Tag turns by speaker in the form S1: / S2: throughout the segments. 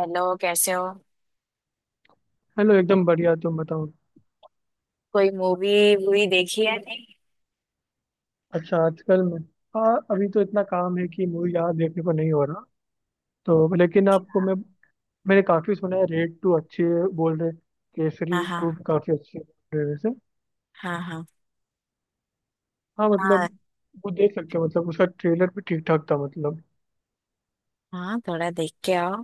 S1: Hello, कैसे हो।
S2: Hello, एकदम बढ़िया। तुम बताओ।
S1: कोई मूवी वूवी देखी है? नहीं।
S2: अच्छा आजकल मैं हाँ, अभी तो इतना काम है कि मूवी ज़्यादा देखने को नहीं हो रहा। तो लेकिन आपको मैं मैंने काफ़ी सुना है, रेड टू अच्छी है बोल रहे।
S1: हाँ
S2: केसरी टू
S1: हाँ।
S2: भी काफ़ी अच्छी है बोल रहे वैसे।
S1: हाँ हाँ।
S2: हाँ, मतलब
S1: हाँ
S2: वो देख सकते हो, मतलब उसका ट्रेलर भी ठीक ठाक था, मतलब।
S1: हाँ। थोड़ा देख के आओ।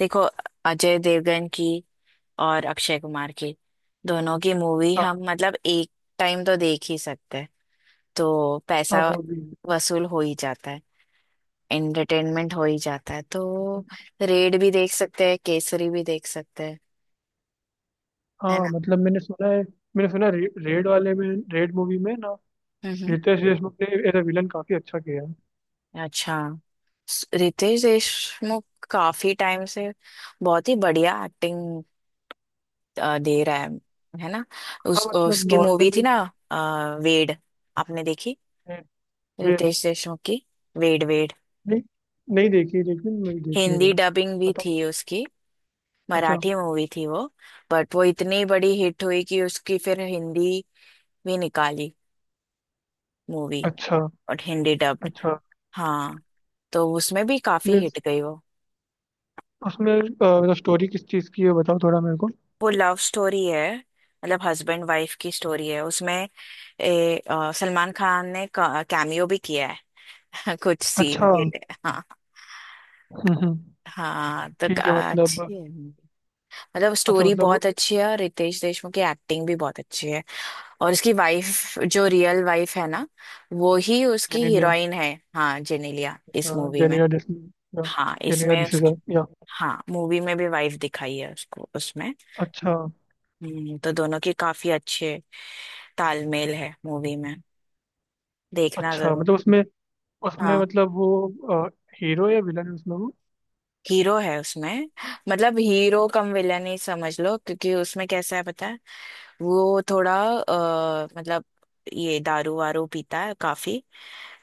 S1: देखो, अजय देवगन की और अक्षय कुमार की, दोनों की मूवी
S2: हाँ
S1: हम मतलब एक टाइम तो देख ही सकते हैं। तो
S2: हाँ,
S1: पैसा
S2: वो भी।
S1: वसूल हो ही जाता है। एंटरटेनमेंट हो ही जाता है। तो रेड भी देख सकते हैं, केसरी भी देख सकते हैं, है
S2: हाँ
S1: ना।
S2: मतलब मैंने सुना है रेड वाले में, रेड मूवी में ना,
S1: हम्म।
S2: रितेश देशमुख ने एज विलन काफ़ी अच्छा किया है।
S1: अच्छा। रितेश देशमुख काफी टाइम से बहुत ही बढ़िया एक्टिंग दे रहा है ना।
S2: हाँ
S1: उस
S2: मतलब
S1: उसकी मूवी थी
S2: नॉर्मली।
S1: ना। वेड, आपने देखी रितेश देशमुख की वेड वेड?
S2: नहीं, नहीं देखी, लेकिन मैं देखनी रही।
S1: हिंदी डबिंग भी
S2: बताओ।
S1: थी उसकी।
S2: अच्छा।
S1: मराठी मूवी थी वो। बट वो इतनी बड़ी हिट हुई कि उसकी फिर हिंदी भी निकाली मूवी।
S2: अच्छा।
S1: और हिंदी डब्ड।
S2: अच्छा।
S1: हाँ, तो उसमें भी काफी
S2: यस।
S1: हिट गई वो।
S2: उसमें मतलब स्टोरी किस चीज़ की है? बताओ थोड़ा मेरे को।
S1: वो लव स्टोरी है, मतलब हस्बैंड वाइफ की स्टोरी है उसमें। सलमान खान ने कैमियो भी किया है कुछ
S2: अच्छा।
S1: सीन के
S2: हम्म।
S1: लिए, हाँ।
S2: हम्म।
S1: हाँ तो
S2: ठीक है, मतलब।
S1: अच्छी है। मतलब
S2: अच्छा
S1: स्टोरी
S2: मतलब।
S1: बहुत अच्छी है और रितेश देशमुख की एक्टिंग भी बहुत अच्छी है। और उसकी वाइफ जो रियल वाइफ है ना, वो ही उसकी
S2: जेनेलिया।
S1: हीरोइन है, हाँ, जेनेलिया,
S2: अच्छा,
S1: इस मूवी में।
S2: जेनेलिया डिस या।
S1: हाँ
S2: जेनेलिया
S1: इसमें उसकी।
S2: डिसीजर या।
S1: हाँ मूवी में भी वाइफ दिखाई है उसको उसमें।
S2: अच्छा।
S1: तो दोनों की काफी अच्छे तालमेल है मूवी में। देखना
S2: अच्छा,
S1: जरूर।
S2: मतलब उसमें, उसमें
S1: हाँ।
S2: मतलब वो हीरो या विलन है उसमें वो।
S1: हीरो है उसमें। मतलब हीरो कम विलन ही समझ लो, क्योंकि उसमें कैसा है पता है, वो थोड़ा मतलब ये दारू वारू पीता है काफी।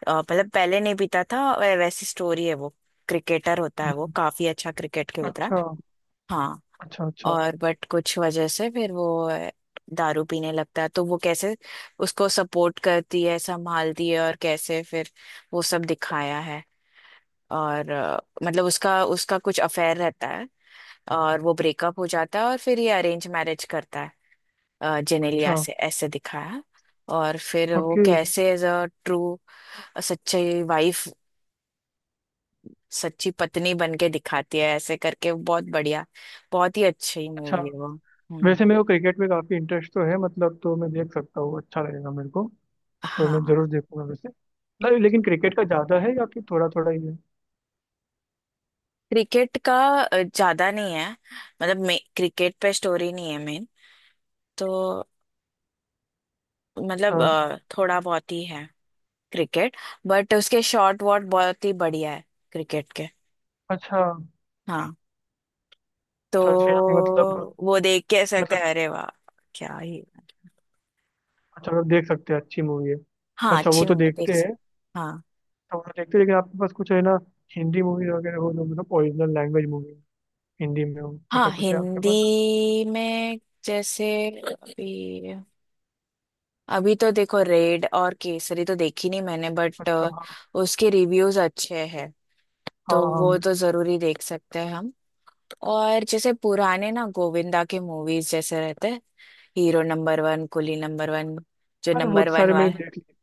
S1: मतलब पहले नहीं पीता था, वैसी स्टोरी है वो। क्रिकेटर होता है वो,
S2: हम्म।
S1: काफी अच्छा क्रिकेट खेलता है।
S2: अच्छा।
S1: हाँ।
S2: अच्छा। अच्छा।
S1: और बट कुछ वजह से फिर वो दारू पीने लगता है, तो वो कैसे उसको सपोर्ट करती है, संभालती है, और कैसे फिर वो सब दिखाया है। और मतलब उसका उसका कुछ अफेयर रहता है। और वो ब्रेकअप हो जाता है, और फिर ये अरेंज मैरिज करता है जेनेलिया
S2: अच्छा।
S1: से, ऐसे दिखाया। और फिर वो
S2: ओके।
S1: कैसे एज अ ट्रू, सच्ची वाइफ, सच्ची पत्नी बन के दिखाती है, ऐसे करके बहुत बढ़िया। बहुत ही अच्छी
S2: अच्छा।
S1: मूवी है वो, हम्म।
S2: वैसे मेरे को क्रिकेट में काफ़ी इंटरेस्ट तो है, मतलब तो मैं देख सकता हूँ, अच्छा लगेगा मेरे को। तो मैं
S1: हाँ,
S2: जरूर देखूंगा वैसे। लेकिन क्रिकेट का ज्यादा है या फिर थोड़ा थोड़ा ही है?
S1: क्रिकेट का ज्यादा नहीं है। मतलब मे क्रिकेट पे स्टोरी नहीं है मेन, तो मतलब
S2: अच्छा।
S1: थोड़ा बहुत ही है क्रिकेट। बट उसके शॉट वॉट बहुत ही बढ़िया है, क्रिकेट के।
S2: अच्छा।
S1: हाँ तो
S2: तो फिर अभी मतलब,
S1: वो देख के सकते
S2: मतलब।
S1: हैं, अरे वाह, क्या ही।
S2: अच्छा, आप देख सकते हैं, अच्छी मूवी है।
S1: हाँ
S2: अच्छा, वो
S1: अच्छी
S2: तो
S1: मूवी
S2: देखते
S1: देख
S2: हैं।
S1: सकते, हाँ।
S2: तो वो तो देखते हैं, लेकिन आपके पास कुछ है ना, हिंदी मूवीज वगैरह हो, जो मतलब ओरिजिनल लैंग्वेज मूवी हिंदी में हो, ऐसा
S1: हाँ,
S2: कुछ है आपके
S1: हिंदी
S2: पास?
S1: में। जैसे, अभी। अभी तो देखो, रेड और केसरी तो देखी नहीं मैंने, बट
S2: अच्छा हाँ।
S1: उसके रिव्यूज अच्छे हैं,
S2: हाँ
S1: तो वो
S2: हाँ।
S1: तो जरूरी देख सकते हैं हम। और जैसे पुराने ना गोविंदा के मूवीज जैसे रहते हैं, hero number one, Coolie number one, जो
S2: अरे, वो
S1: नंबर
S2: तो
S1: वन
S2: सारे मैंने
S1: वाला।
S2: देख लिए।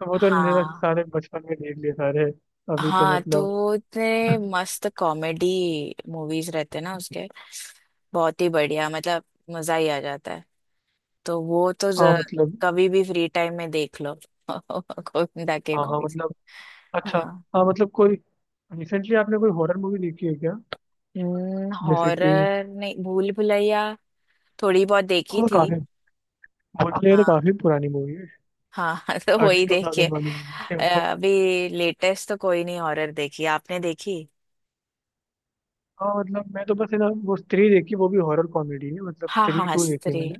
S2: तो वो तो मेरा
S1: हाँ,
S2: सारे बचपन में देख लिए सारे। अभी तो
S1: हाँ
S2: मतलब।
S1: तो इतने मस्त कॉमेडी मूवीज रहते हैं ना उसके, बहुत ही बढ़िया, मतलब मजा ही आ जाता है। तो वो तो
S2: हाँ मतलब।
S1: कभी भी फ्री टाइम में देख लो गोविंदा के
S2: हाँ हाँ
S1: मूवीज।
S2: मतलब। अच्छा।
S1: हाँ।
S2: हाँ मतलब, कोई रिसेंटली आपने कोई हॉरर मूवी देखी है क्या? जैसे कि
S1: हॉरर नहीं, भूल भुलैया थोड़ी बहुत देखी
S2: वो,
S1: थी।
S2: काफी बोलने लगे तो
S1: हाँ
S2: काफी पुरानी मूवी है।
S1: हाँ तो
S2: अर्ली
S1: वही
S2: टू
S1: देखिए।
S2: थाउजेंड वाली मूवी है
S1: अ,
S2: वो।
S1: अभी लेटेस्ट तो कोई नहीं हॉरर देखी, आपने देखी?
S2: हाँ, मतलब मैं तो बस है ना वो स्त्री देखी, वो भी हॉरर कॉमेडी है, मतलब
S1: हाँ
S2: स्त्री
S1: हाँ
S2: टू देखी
S1: स्त्री,
S2: मैंने।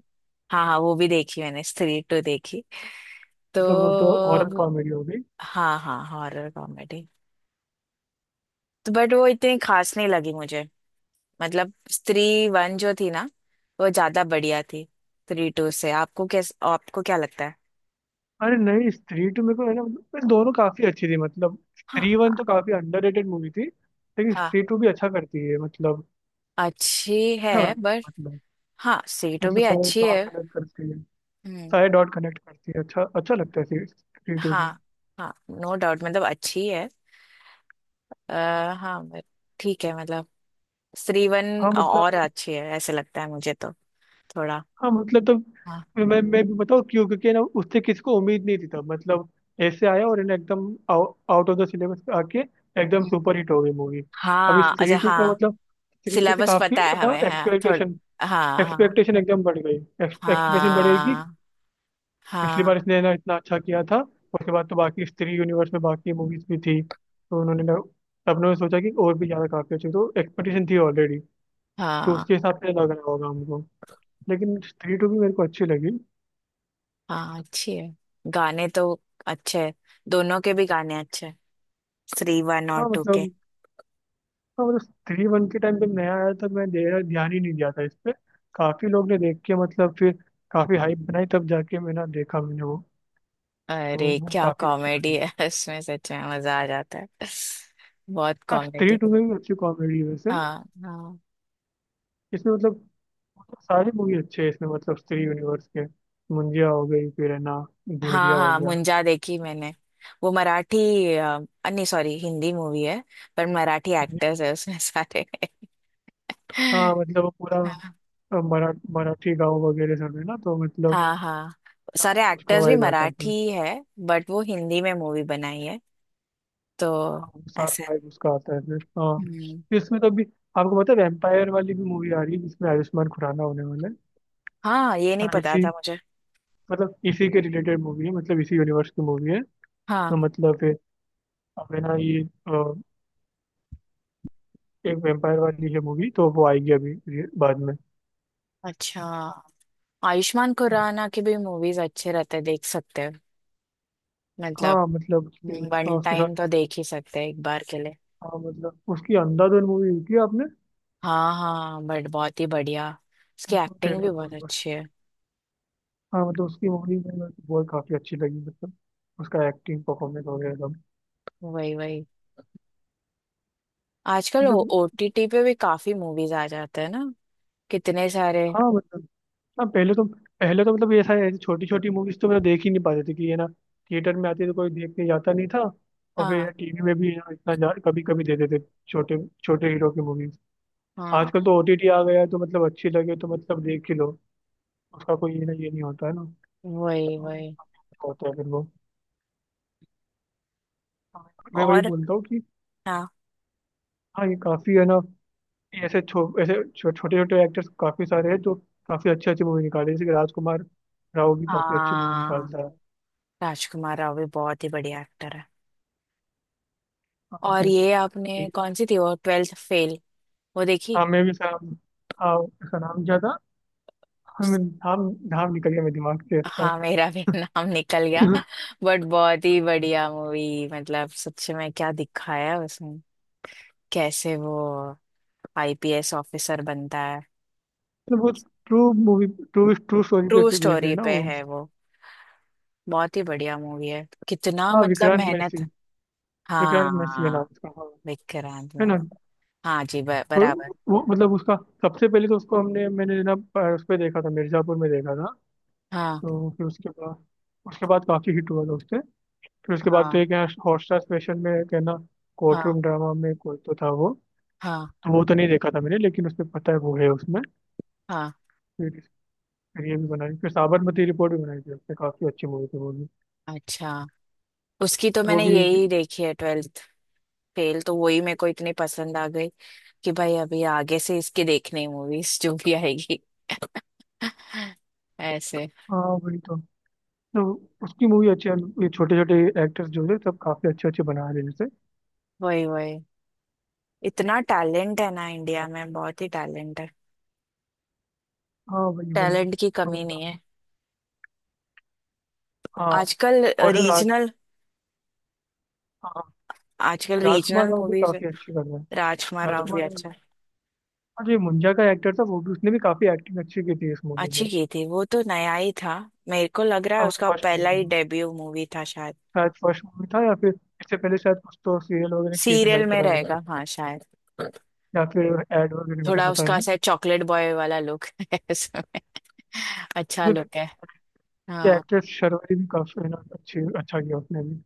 S1: हाँ हाँ वो भी देखी मैंने, स्त्री टू देखी तो।
S2: मतलब वो तो हॉरर
S1: अब-
S2: कॉमेडी हो गई।
S1: हाँ हाँ हॉरर कॉमेडी। तो बट वो इतनी खास नहीं लगी मुझे, मतलब स्त्री वन जो थी ना, वो ज्यादा बढ़िया थी। स्त्री टू से आपको कैस, आपको क्या लगता है?
S2: अरे नहीं, स्त्री टू मेरे को है ना मतलब, दोनों काफी अच्छी थी, मतलब
S1: हाँ
S2: स्त्री वन तो काफी अंडररेटेड मूवी थी, लेकिन
S1: हाँ
S2: स्त्री टू भी अच्छा करती है मतलब।
S1: अच्छी है,
S2: अच्छा था
S1: बट
S2: मतलब।
S1: हाँ स्त्री टू
S2: मतलब
S1: भी
S2: सारे
S1: अच्छी है।
S2: डॉट कनेक्ट करती है।
S1: हम्म।
S2: सारे डॉट कनेक्ट करती है, अच्छा अच्छा लगता है स्त्री टू भी।
S1: हाँ हाँ नो डाउट, मतलब अच्छी है। हाँ, but ठीक है, मतलब स्त्री वन
S2: हाँ
S1: और
S2: मतलब।
S1: अच्छी है, ऐसे लगता है मुझे तो, थोड़ा।
S2: हाँ मतलब तो
S1: हाँ
S2: मैं भी बताऊँ क्यों, क्योंकि ना उससे किसको उम्मीद नहीं थी तब, मतलब ऐसे आया और है ना एकदम आउट ऑफ द सिलेबस आके एकदम सुपर हिट हो गई मूवी। अब इस
S1: हाँ
S2: थ्री
S1: अच्छा,
S2: टू का
S1: हाँ
S2: मतलब, थ्री टू से
S1: सिलेबस
S2: काफी
S1: पता है
S2: ना
S1: हमें, हाँ
S2: एक्सपेक्टेशन,
S1: थोड़ा, हाँ हाँ।
S2: एक्सपेक्टेशन एकदम बढ़ गई। एक्सपेक्टेशन बढ़ेगी।
S1: हाँ
S2: पिछली
S1: हाँ।
S2: बार इसने ना इतना अच्छा किया था, उसके बाद तो बाकी स्त्री यूनिवर्स में बाकी मूवीज भी थी तो उन्होंने ना, सबने सोचा कि और भी ज्यादा काफी अच्छी, तो एक्सपेक्टेशन थी ऑलरेडी। तो
S1: हाँ
S2: उसके हिसाब से लग रहा होगा हमको, लेकिन स्त्री टू भी मेरे को अच्छी लगी।
S1: हाँ। अच्छी है, गाने तो अच्छे हैं, दोनों के भी गाने अच्छे हैं, थ्री वन और
S2: हाँ
S1: टू के।
S2: मतलब। हाँ मतलब, थ्री वन के टाइम जब नया आया था, मैं ध्यान ही नहीं दिया था इस पे। काफी लोग ने देख के मतलब फिर काफी हाइप बनाई, तब जाके मैंने देखा, मैंने वो। वो,
S1: अरे
S2: वो
S1: क्या
S2: काफी अच्छी
S1: कॉमेडी
S2: लगी।
S1: है इसमें, सच में मजा आ जाता है, बहुत
S2: हाँ, स्त्री
S1: कॉमेडी।
S2: टू में भी अच्छी कॉमेडी है वैसे।
S1: हाँ। हाँ।
S2: इसमें मतलब, मतलब सारी मूवी अच्छी है इसमें, मतलब स्त्री यूनिवर्स के। मुंजिया हो गई फिर है ना, भेड़िया
S1: हाँ
S2: हो
S1: हाँ
S2: गया।
S1: मुंजा देखी मैंने, वो मराठी, अ, नहीं सॉरी हिंदी मूवी है, पर मराठी एक्टर्स है उसमें सारे
S2: हाँ मतलब वो पूरा
S1: हाँ
S2: अ, मरा, मराठी गाँव वगैरह सब है ना, तो मतलब
S1: हाँ। हाँ, सारे
S2: उसका
S1: एक्टर्स भी
S2: वाइब आता
S1: मराठी
S2: है।
S1: ही है, बट वो हिंदी में मूवी बनाई है, तो
S2: हाँ, वो साथ
S1: ऐसे।
S2: फाइव उसका आता है फिर हाँ।
S1: हम्म।
S2: फिर इसमें तो अभी, आपको पता है वेम्पायर वाली भी मूवी आ रही है जिसमें आयुष्मान खुराना होने वाला है,
S1: हाँ, ये नहीं
S2: मतलब
S1: पता
S2: इसी,
S1: था मुझे।
S2: मतलब इसी के रिलेटेड मूवी है, मतलब इसी यूनिवर्स की मूवी है। तो
S1: हाँ
S2: मतलब फिर, अब है ना ये अ, एक वेम्पायर वाली है मूवी, तो वो आएगी अभी, ये बाद में।
S1: अच्छा, आयुष्मान खुराना की भी मूवीज अच्छे रहते हैं, देख सकते हैं, मतलब
S2: हाँ मतलब उसके, हाँ
S1: वन
S2: उसके
S1: टाइम तो
S2: साथ।
S1: देख ही सकते हैं, एक बार के लिए।
S2: हाँ मतलब, उसकी अंधाधुन मूवी देखी है आपने?
S1: हाँ हाँ, बट बहुत ही बढ़िया, उसकी
S2: तो
S1: एक्टिंग
S2: ट्रेलर
S1: भी
S2: बहुत
S1: बहुत
S2: मस्त।
S1: अच्छी है।
S2: हाँ मतलब उसकी मूवी में मेरे को बहुत काफी अच्छी लगी, मतलब उसका एक्टिंग परफॉर्मेंस वगैरह सब।
S1: वही वही, आजकल
S2: मतलब।
S1: ओटीटी पे भी काफी मूवीज आ जाते हैं ना, कितने सारे।
S2: हाँ मतलब। हाँ, पहले तो, पहले तो मतलब ऐसा है, छोटी छोटी मूवीज तो मतलब देख ही नहीं पाते थे, कि ये ना थिएटर में आती है तो कोई देखने जाता नहीं था, और फिर
S1: हाँ
S2: टीवी में भी है ना इतना कभी कभी दे देते थे छोटे छोटे हीरो की मूवीज।
S1: हाँ,
S2: आजकल तो ओटीटी आ गया है, तो मतलब अच्छी लगे तो मतलब देख ही लो। उसका कोई ये ना, ये नहीं होता है ना।
S1: वही
S2: तो
S1: वही।
S2: होता है फिर वो। हाँ, मैं वही
S1: और
S2: बोलता हूँ कि,
S1: हाँ,
S2: हाँ ये काफी है ना, ये छोटे छोटे एक्टर्स काफी सारे हैं जो काफी अच्छी अच्छी मूवी निकाले, जैसे कि राजकुमार राव भी काफी अच्छी मूवी
S1: हाँ
S2: निकालता है।
S1: राजकुमार राव भी बहुत ही बढ़िया एक्टर है।
S2: हाँ।
S1: और
S2: फिर,
S1: ये आपने कौन सी थी वो, ट्वेल्थ फेल, वो देखी।
S2: हाँ मैं भी सर। हाँ, उसका नाम क्या था? हमें
S1: उस-
S2: नाम, नाम निकल गया मेरे दिमाग से इसका।
S1: हाँ मेरा भी नाम निकल गया।
S2: मतलब
S1: बट बहुत ही बढ़िया मूवी, मतलब सच में क्या दिखाया है उसमें, कैसे वो आईपीएस ऑफिसर बनता है।
S2: वो true movie, true true story
S1: true
S2: पे बेस्ड है
S1: स्टोरी
S2: ना
S1: पे
S2: वो।
S1: है वो, बहुत ही बढ़िया मूवी है, कितना
S2: हाँ,
S1: मतलब
S2: विक्रांत
S1: मेहनत।
S2: मैसी। विक्रांत मैसी है नाम
S1: हाँ
S2: उसका, हाँ,
S1: विक्रांत
S2: है
S1: में,
S2: ना।
S1: हाँ जी, बराबर।
S2: वो, वो मतलब उसका, सबसे पहले तो उसको हमने, मैंने ना उस पे देखा था, मिर्जापुर में देखा था।
S1: हाँ
S2: तो फिर उसके बाद, उसके बाद काफी हिट हुआ था उससे। फिर उसके बाद तो
S1: हाँ।
S2: एक यहाँ हॉटस्टार स्पेशल में एक है ना, कोर्ट
S1: हाँ
S2: रूम ड्रामा में कोई तो था वो।
S1: हाँ।
S2: तो वो तो नहीं देखा था मैंने, लेकिन उसमें पता है वो है उसमें।
S1: हाँ।
S2: फिर फिर ये भी बनाई, फिर साबरमती रिपोर्ट भी बनाई थी उसने, काफी अच्छी मूवी थी वो भी।
S1: अच्छा, उसकी तो
S2: वो
S1: मैंने
S2: भी।
S1: यही देखी है, ट्वेल्थ फेल, तो वही मेरे को इतनी पसंद आ गई कि भाई अभी आगे से इसकी देखनी मूवीज जो भी आएगी ऐसे।
S2: हाँ वही तो। तो उसकी मूवी अच्छी है। ये छोटे छोटे एक्टर्स जो है, सब काफी अच्छे अच्छे बना रहे हैं जैसे।
S1: वही वही, इतना टैलेंट है ना इंडिया में, बहुत ही टैलेंट है,
S2: हाँ वही वही
S1: टैलेंट की
S2: तो,
S1: कमी नहीं
S2: मतलब।
S1: है।
S2: हाँ,
S1: आजकल
S2: और ये राज,
S1: रीजनल।
S2: हाँ
S1: आजकल
S2: राजकुमार
S1: रीजनल
S2: राव भी
S1: मूवीज है,
S2: काफी अच्छी कर रहे हैं।
S1: राजकुमार राव भी
S2: राजकुमार राव।
S1: अच्छा।
S2: और जो ये मुंजा का एक्टर था वो भी, उसने भी काफी एक्टिंग अच्छी की थी इस मूवी में।
S1: अच्छी की थी, वो तो नया ही था, मेरे को लग रहा है
S2: हाँ,
S1: उसका
S2: फर्स्ट मूवी
S1: पहला ही
S2: में,
S1: डेब्यू मूवी था शायद।
S2: शायद फर्स्ट मूवी था, या फिर इससे पहले शायद कुछ तो सीरियल वगैरह किए थे
S1: सीरियल
S2: शायद,
S1: में
S2: पता
S1: रहेगा
S2: नहीं।
S1: हाँ शायद।
S2: या फिर एड वगैरह में था,
S1: थोड़ा
S2: पता
S1: उसका
S2: नहीं।
S1: ऐसा चॉकलेट बॉय वाला लुक है उसमें, अच्छा लुक है।
S2: ये
S1: हाँ
S2: एक्ट्रेस शर्वरी भी काफी है ना अच्छी, अच्छा किया उसने भी।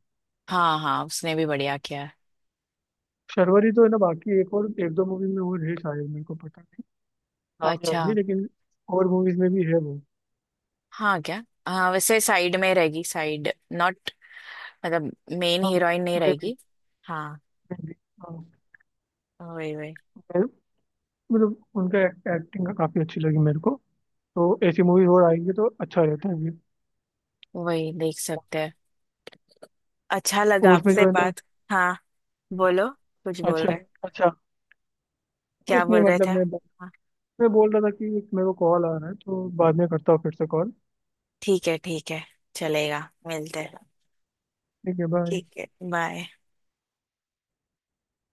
S1: हाँ। हाँ, उसने भी बढ़िया किया है।
S2: शर्वरी तो है ना बाकी, एक और एक दो मूवी में वो है शायद, मेरे को पता नहीं, नाम याद
S1: अच्छा।
S2: नहीं, लेकिन और मूवीज में भी है वो।
S1: हाँ क्या, हाँ वैसे साइड में रहेगी, साइड नॉट, मतलब मेन
S2: हाँ
S1: हीरोइन नहीं
S2: मैं भी
S1: रहेगी। हाँ,
S2: मैं भी हाँ,
S1: वही वही।
S2: मैं- मतलब उनका एक्टिंग का काफी अच्छी लगी मेरे को। तो ऐसी मूवीज और आएंगी तो अच्छा रहता है ये।
S1: वही देख सकते हैं। अच्छा लगा
S2: और उसमें
S1: आपसे
S2: जो है ना।
S1: बात। हाँ बोलो, कुछ बोल
S2: अच्छा।
S1: रहे,
S2: अच्छा।
S1: क्या
S2: कुछ नहीं,
S1: बोल रहे
S2: मतलब
S1: थे।
S2: मैं
S1: हाँ
S2: मैं बोल रहा था कि एक मेरे को कॉल आ रहा है, तो बाद में करता हूँ फिर से कॉल।
S1: ठीक है, ठीक है, चलेगा, मिलते हैं,
S2: ठीक है, बाय।
S1: ठीक है, बाय।